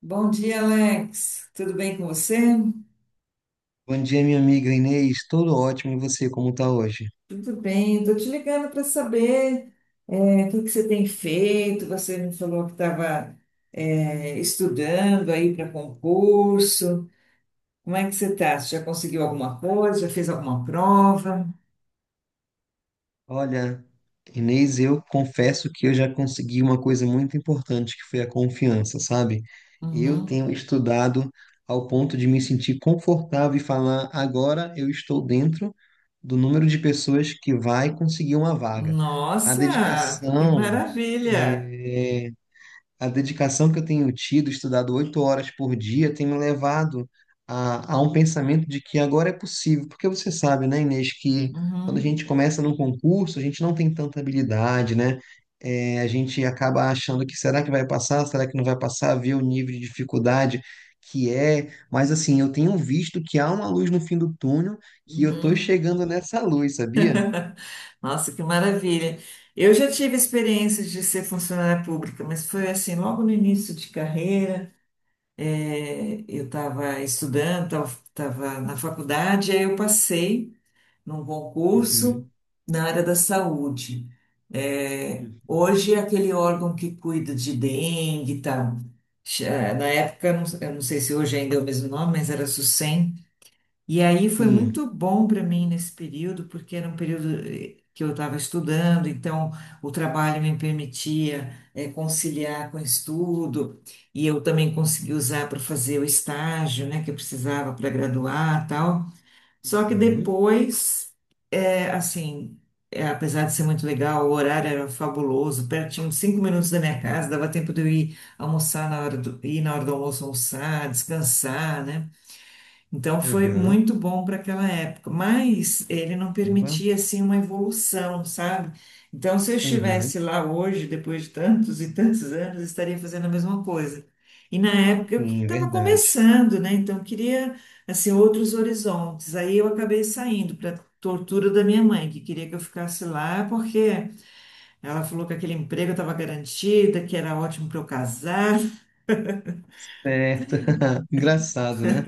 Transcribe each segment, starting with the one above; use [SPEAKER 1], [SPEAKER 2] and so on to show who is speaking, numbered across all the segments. [SPEAKER 1] Bom dia, Alex. Tudo bem com você?
[SPEAKER 2] Bom dia, minha amiga Inês. Tudo ótimo e você, como tá hoje?
[SPEAKER 1] Tudo bem. Estou te ligando para saber o que que você tem feito. Você me falou que estava estudando aí para concurso. Como é que você está? Você já conseguiu alguma coisa? Já fez alguma prova?
[SPEAKER 2] Olha, Inês, eu confesso que eu já consegui uma coisa muito importante, que foi a confiança, sabe? Eu
[SPEAKER 1] Uhum.
[SPEAKER 2] tenho estudado ao ponto de me sentir confortável e falar, agora eu estou dentro do número de pessoas que vai conseguir uma vaga. A
[SPEAKER 1] Nossa, que
[SPEAKER 2] dedicação,
[SPEAKER 1] maravilha!
[SPEAKER 2] é, a dedicação que eu tenho tido, estudado 8 horas por dia, tem me levado a um pensamento de que agora é possível. Porque você sabe, né, Inês, que quando a
[SPEAKER 1] Uhum.
[SPEAKER 2] gente começa num concurso, a gente não tem tanta habilidade, né? É, a gente acaba achando que será que vai passar, será que não vai passar, ver o nível de dificuldade que é. Mas assim, eu tenho visto que há uma luz no fim do túnel, que eu tô
[SPEAKER 1] Uhum.
[SPEAKER 2] chegando nessa luz, sabia?
[SPEAKER 1] Nossa, que maravilha. Eu já tive experiências de ser funcionária pública, mas foi assim, logo no início de carreira. É, eu estava estudando, estava na faculdade, aí eu passei num concurso
[SPEAKER 2] Uhum,
[SPEAKER 1] na área da saúde. É,
[SPEAKER 2] uhum.
[SPEAKER 1] hoje é aquele órgão que cuida de dengue e tal. Na época, eu não sei se hoje ainda é o mesmo nome, mas era SUSEM. E aí foi
[SPEAKER 2] Sim.
[SPEAKER 1] muito bom para mim nesse período, porque era um período que eu estava estudando, então o trabalho me permitia conciliar com o estudo, e eu também consegui usar para fazer o estágio, né, que eu precisava para graduar, tal. Só que
[SPEAKER 2] Uhum.
[SPEAKER 1] depois, assim, apesar de ser muito legal, o horário era fabuloso, pertinho, cinco minutos da minha casa, dava tempo de eu ir almoçar na hora do, ir na hora do almoço almoçar, descansar, né? Então foi
[SPEAKER 2] Aham.
[SPEAKER 1] muito bom para aquela época, mas ele não
[SPEAKER 2] Caramba.
[SPEAKER 1] permitia assim uma evolução, sabe? Então se eu
[SPEAKER 2] Aham.
[SPEAKER 1] estivesse lá hoje, depois de tantos e tantos anos, eu estaria fazendo a mesma coisa. E na época eu
[SPEAKER 2] Sim,
[SPEAKER 1] estava
[SPEAKER 2] verdade.
[SPEAKER 1] começando, né? Então eu queria assim outros horizontes. Aí eu acabei saindo para tortura da minha mãe, que queria que eu ficasse lá porque ela falou que aquele emprego estava garantida, que era ótimo para eu casar.
[SPEAKER 2] Certo. Engraçado, né?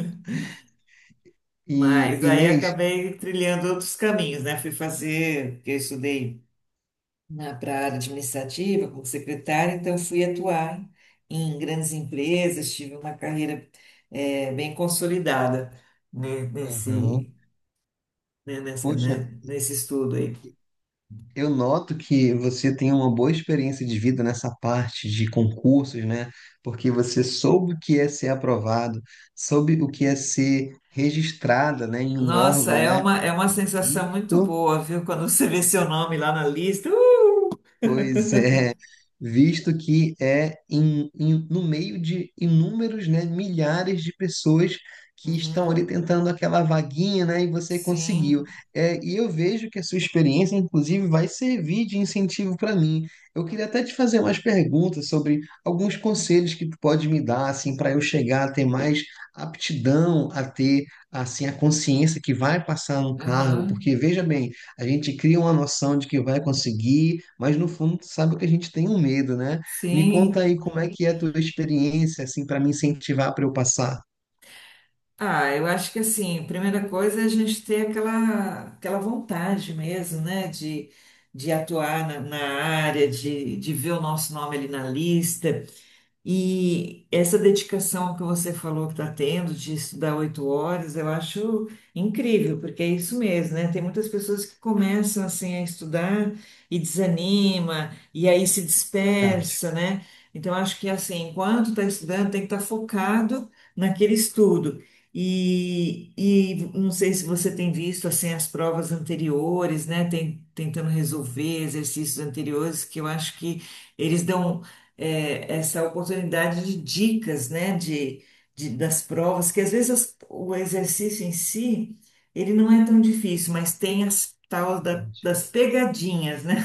[SPEAKER 2] E
[SPEAKER 1] Mas aí
[SPEAKER 2] Inês,
[SPEAKER 1] acabei trilhando outros caminhos, né? Fui fazer, porque eu estudei na para a área administrativa, como secretária, então fui atuar em grandes empresas, tive uma carreira bem consolidada
[SPEAKER 2] aham.
[SPEAKER 1] nesse, né,
[SPEAKER 2] Poxa,
[SPEAKER 1] né, nesse estudo aí.
[SPEAKER 2] eu noto que você tem uma boa experiência de vida nessa parte de concursos, né? Porque você soube o que é ser aprovado, soube o que é ser registrada, né, em um
[SPEAKER 1] Nossa,
[SPEAKER 2] órgão, né?
[SPEAKER 1] é uma sensação muito
[SPEAKER 2] Isso.
[SPEAKER 1] boa, viu? Quando você vê seu nome lá na lista.
[SPEAKER 2] Pois é, visto que é no meio de inúmeros, né, milhares de pessoas que estão ali
[SPEAKER 1] Uhum.
[SPEAKER 2] tentando aquela vaguinha, né, e você conseguiu.
[SPEAKER 1] Sim,
[SPEAKER 2] É, e eu vejo que a sua experiência, inclusive, vai servir de incentivo para mim. Eu queria até te fazer umas perguntas sobre alguns conselhos que tu pode me dar, assim, para eu chegar a ter mais aptidão, a ter, assim, a consciência que vai passar no cargo,
[SPEAKER 1] aham.
[SPEAKER 2] porque veja bem. A gente cria uma noção de que vai conseguir, mas no fundo tu sabe que a gente tem um medo, né? Me conta
[SPEAKER 1] Sim,
[SPEAKER 2] aí como é que é a tua experiência, assim, para me incentivar para eu passar.
[SPEAKER 1] ah, eu acho que assim, primeira coisa é a gente ter aquela vontade mesmo, né, de atuar na, na área, de ver o nosso nome ali na lista. E essa dedicação que você falou que está tendo de estudar 8 horas, eu acho incrível, porque é isso mesmo, né? Tem muitas pessoas que começam assim a estudar e desanima, e aí se
[SPEAKER 2] Verdade,
[SPEAKER 1] dispersa, né? Então eu acho que assim, enquanto está estudando, tem que estar focado naquele estudo. E não sei se você tem visto assim as provas anteriores, né? Tem, tentando resolver exercícios anteriores que eu acho que eles dão essa oportunidade de dicas, né, de, das provas, que às vezes o exercício em si, ele não é tão difícil, mas tem as tal
[SPEAKER 2] verdade.
[SPEAKER 1] das pegadinhas, né?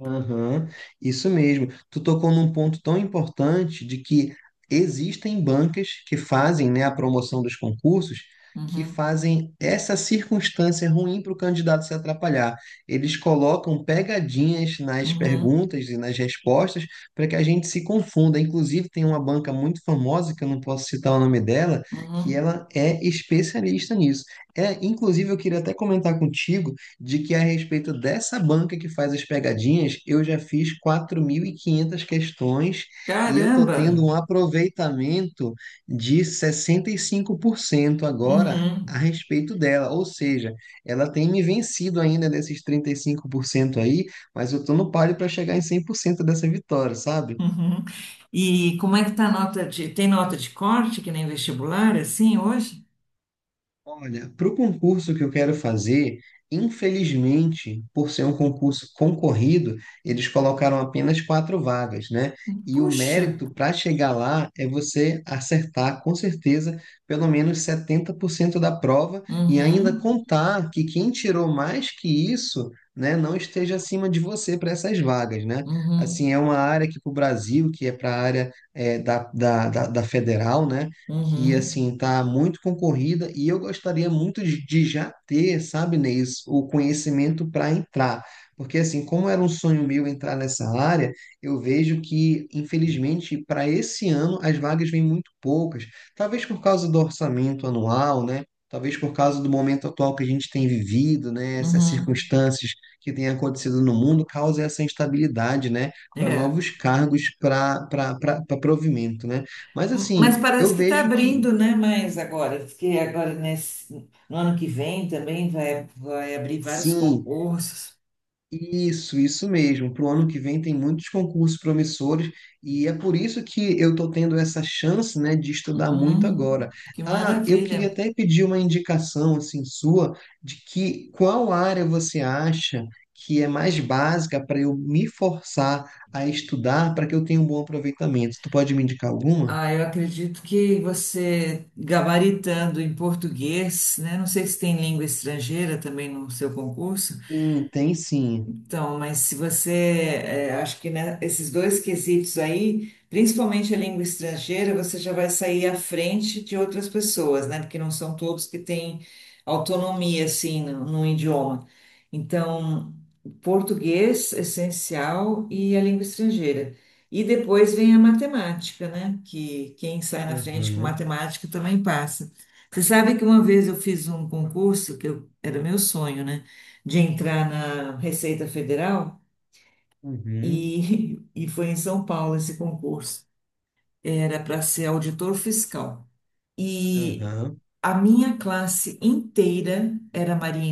[SPEAKER 2] Aham, isso mesmo. Tu tocou num ponto tão importante de que existem bancas que fazem, né, a promoção dos concursos, que
[SPEAKER 1] Uhum,
[SPEAKER 2] fazem essa circunstância ruim para o candidato se atrapalhar. Eles colocam pegadinhas nas
[SPEAKER 1] uhum,
[SPEAKER 2] perguntas e nas respostas para que a gente se confunda. Inclusive, tem uma banca muito famosa, que eu não posso citar o nome dela, que
[SPEAKER 1] uhum.
[SPEAKER 2] ela é especialista nisso. É, inclusive, eu queria até comentar contigo de que a respeito dessa banca que faz as pegadinhas, eu já fiz 4.500 questões e eu tô
[SPEAKER 1] Caramba!
[SPEAKER 2] tendo um aproveitamento de 65% agora a
[SPEAKER 1] Uhum,
[SPEAKER 2] respeito dela, ou seja, ela tem me vencido ainda desses 35% aí, mas eu tô no páreo para chegar em 100% dessa vitória, sabe?
[SPEAKER 1] uhum. E como é que tá a nota de... Tem nota de corte, que nem vestibular, assim, hoje?
[SPEAKER 2] Olha, para o concurso que eu quero fazer, infelizmente, por ser um concurso concorrido, eles colocaram apenas quatro vagas, né? E o
[SPEAKER 1] Puxa!
[SPEAKER 2] mérito para chegar lá é você acertar, com certeza, pelo menos 70% da prova e ainda
[SPEAKER 1] Uhum,
[SPEAKER 2] contar que quem tirou mais que isso, né, não esteja acima de você para essas vagas, né?
[SPEAKER 1] uhum,
[SPEAKER 2] Assim, é uma área que para o Brasil, que é para a área da federal, né? Que
[SPEAKER 1] uhum,
[SPEAKER 2] assim tá muito concorrida e eu gostaria muito de já ter, sabe, Neis, o conhecimento para entrar. Porque assim, como era um sonho meu entrar nessa área, eu vejo que, infelizmente, para esse ano as vagas vêm muito poucas. Talvez por causa do orçamento anual, né? Talvez por causa do momento atual que a gente tem vivido, né? Essas
[SPEAKER 1] uhum.
[SPEAKER 2] circunstâncias que têm acontecido no mundo causa essa instabilidade, né? Para
[SPEAKER 1] É.
[SPEAKER 2] novos cargos, para provimento, né? Mas
[SPEAKER 1] Mas
[SPEAKER 2] assim,
[SPEAKER 1] parece
[SPEAKER 2] eu
[SPEAKER 1] que está
[SPEAKER 2] vejo que
[SPEAKER 1] abrindo, né? Mais agora, diz que agora nesse, no ano que vem também vai, vai abrir vários
[SPEAKER 2] sim,
[SPEAKER 1] concursos.
[SPEAKER 2] isso mesmo. Para o ano que vem tem muitos concursos promissores e é por isso que eu estou tendo essa chance, né, de estudar muito agora.
[SPEAKER 1] Uhum, que
[SPEAKER 2] Ah, eu queria
[SPEAKER 1] maravilha!
[SPEAKER 2] até pedir uma indicação assim sua de que qual área você acha que é mais básica para eu me forçar a estudar para que eu tenha um bom aproveitamento. Tu pode me indicar alguma?
[SPEAKER 1] Ah, eu acredito que você gabaritando em português, né? Não sei se tem língua estrangeira também no seu concurso.
[SPEAKER 2] Sim, tem sim.
[SPEAKER 1] Então, mas se você, é, acho que né, esses dois quesitos aí, principalmente a língua estrangeira, você já vai sair à frente de outras pessoas, né? Porque não são todos que têm autonomia, assim, no, no idioma. Então, português, essencial, e a língua estrangeira. E depois vem a matemática, né? Que quem sai na frente com
[SPEAKER 2] Aham,
[SPEAKER 1] matemática também passa. Você sabe que uma vez eu fiz um concurso, que era meu sonho, né? De entrar na Receita Federal
[SPEAKER 2] uhum,
[SPEAKER 1] e foi em São Paulo esse concurso. Era para ser auditor fiscal. E
[SPEAKER 2] aham.
[SPEAKER 1] a minha classe inteira era Maria.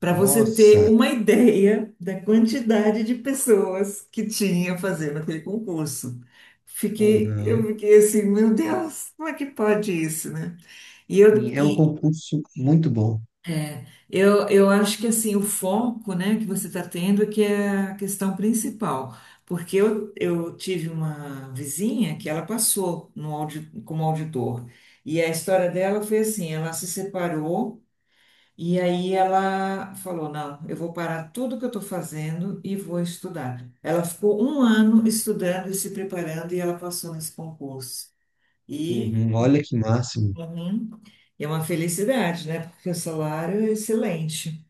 [SPEAKER 1] Para você ter
[SPEAKER 2] Nossa.
[SPEAKER 1] uma ideia da quantidade de pessoas que tinha fazendo aquele concurso. Eu
[SPEAKER 2] Uhum.
[SPEAKER 1] fiquei assim, meu Deus, como é que pode isso, né? E, eu,
[SPEAKER 2] E é um
[SPEAKER 1] e
[SPEAKER 2] concurso muito bom.
[SPEAKER 1] É, eu acho que assim, o foco, né, que você está tendo é que é a questão principal, porque eu tive uma vizinha que ela passou no como auditor, e a história dela foi assim, ela se separou e aí ela falou, não, eu vou parar tudo que eu estou fazendo e vou estudar. Ela ficou um ano estudando e se preparando e ela passou nesse concurso. E,
[SPEAKER 2] Uhum. Olha que máximo.
[SPEAKER 1] uhum, é uma felicidade, né, porque o salário é excelente.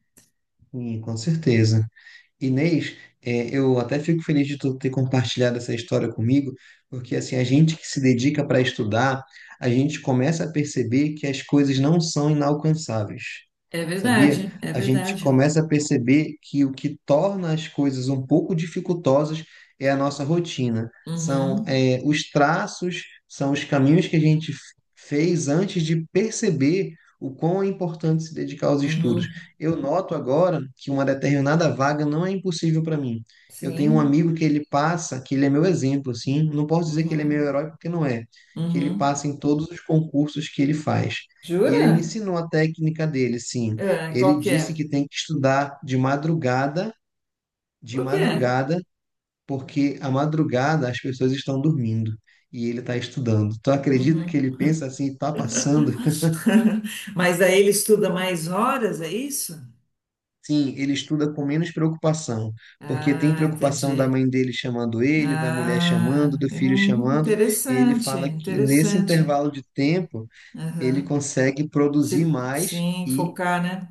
[SPEAKER 2] Sim, com certeza. Inês, é, eu até fico feliz de tu ter compartilhado essa história comigo, porque assim, a gente que se dedica para estudar, a gente começa a perceber que as coisas não são inalcançáveis.
[SPEAKER 1] É
[SPEAKER 2] Sabia?
[SPEAKER 1] verdade, é
[SPEAKER 2] A gente
[SPEAKER 1] verdade.
[SPEAKER 2] começa a perceber que o que torna as coisas um pouco dificultosas é a nossa rotina. São,
[SPEAKER 1] Uhum,
[SPEAKER 2] é, os traços, são os caminhos que a gente fez antes de perceber o quão é importante se dedicar aos estudos.
[SPEAKER 1] uhum,
[SPEAKER 2] Eu noto agora que uma determinada vaga não é impossível para mim. Eu tenho um
[SPEAKER 1] sim,
[SPEAKER 2] amigo que ele passa, que ele é meu exemplo, assim, não posso dizer que ele é meu
[SPEAKER 1] uhum,
[SPEAKER 2] herói porque não é, que ele
[SPEAKER 1] uhum.
[SPEAKER 2] passa em todos os concursos que ele faz. E ele me
[SPEAKER 1] Jura?
[SPEAKER 2] ensinou a técnica dele, sim.
[SPEAKER 1] É,
[SPEAKER 2] Ele disse
[SPEAKER 1] qualquer.
[SPEAKER 2] que tem que estudar de
[SPEAKER 1] Por quê?
[SPEAKER 2] madrugada, porque à madrugada as pessoas estão dormindo e ele está estudando. Tu acredita que
[SPEAKER 1] Uhum.
[SPEAKER 2] ele pensa assim, tá passando?
[SPEAKER 1] Mas aí ele estuda mais horas, é isso?
[SPEAKER 2] Sim, ele estuda com menos preocupação, porque tem
[SPEAKER 1] Ah,
[SPEAKER 2] preocupação da
[SPEAKER 1] entendi.
[SPEAKER 2] mãe dele chamando ele, da mulher
[SPEAKER 1] Ah,
[SPEAKER 2] chamando, do
[SPEAKER 1] é,
[SPEAKER 2] filho chamando, e ele
[SPEAKER 1] interessante,
[SPEAKER 2] fala que nesse
[SPEAKER 1] interessante.
[SPEAKER 2] intervalo de tempo ele consegue produzir
[SPEAKER 1] Se,
[SPEAKER 2] mais
[SPEAKER 1] sim,
[SPEAKER 2] e.
[SPEAKER 1] focar, né?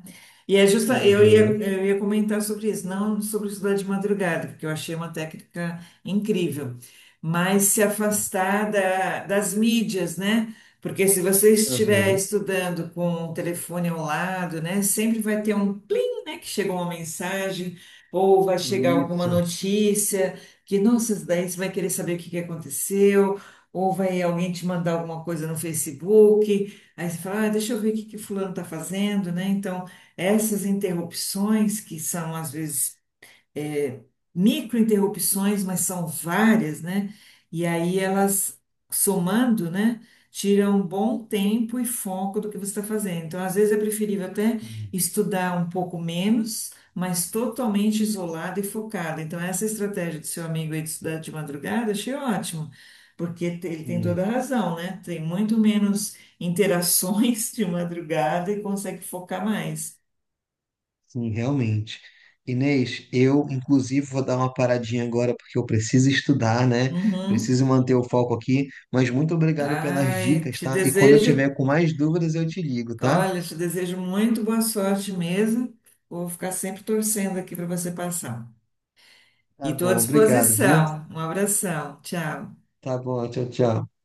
[SPEAKER 1] E é justa,
[SPEAKER 2] Aham,
[SPEAKER 1] eu ia comentar sobre isso, não sobre estudar de madrugada, porque eu achei uma técnica incrível, mas se
[SPEAKER 2] sim,
[SPEAKER 1] afastar das mídias, né? Porque se você estiver
[SPEAKER 2] aham,
[SPEAKER 1] estudando com o telefone ao lado, né, sempre vai ter um plim, né, que chegou uma mensagem ou vai chegar alguma
[SPEAKER 2] isso.
[SPEAKER 1] notícia que, nossa, daí você vai querer saber o que que aconteceu, ou vai alguém te mandar alguma coisa no Facebook. Aí você fala, ah, deixa eu ver o que que fulano está fazendo, né? Então, essas interrupções que são às vezes microinterrupções, mas são várias, né? E aí elas, somando, né, tiram um bom tempo e foco do que você está fazendo. Então, às vezes é preferível até
[SPEAKER 2] Sim,
[SPEAKER 1] estudar um pouco menos, mas totalmente isolado e focado. Então, essa estratégia do seu amigo aí de estudar de madrugada, achei ótimo. Porque ele tem toda
[SPEAKER 2] sim,
[SPEAKER 1] a razão, né? Tem muito menos interações de madrugada e consegue focar mais.
[SPEAKER 2] sim realmente. Inês, eu inclusive vou dar uma paradinha agora porque eu preciso estudar, né?
[SPEAKER 1] Uhum.
[SPEAKER 2] Preciso manter o foco aqui, mas muito obrigado pelas
[SPEAKER 1] Ai,
[SPEAKER 2] dicas,
[SPEAKER 1] te
[SPEAKER 2] tá? E quando eu
[SPEAKER 1] desejo
[SPEAKER 2] tiver com mais dúvidas, eu te ligo, tá?
[SPEAKER 1] olha, te desejo muito boa sorte mesmo. Vou ficar sempre torcendo aqui para você passar. E
[SPEAKER 2] Tá
[SPEAKER 1] estou à
[SPEAKER 2] bom, obrigado, viu?
[SPEAKER 1] disposição. Um abração. Tchau.
[SPEAKER 2] Tá bom, tchau, tchau.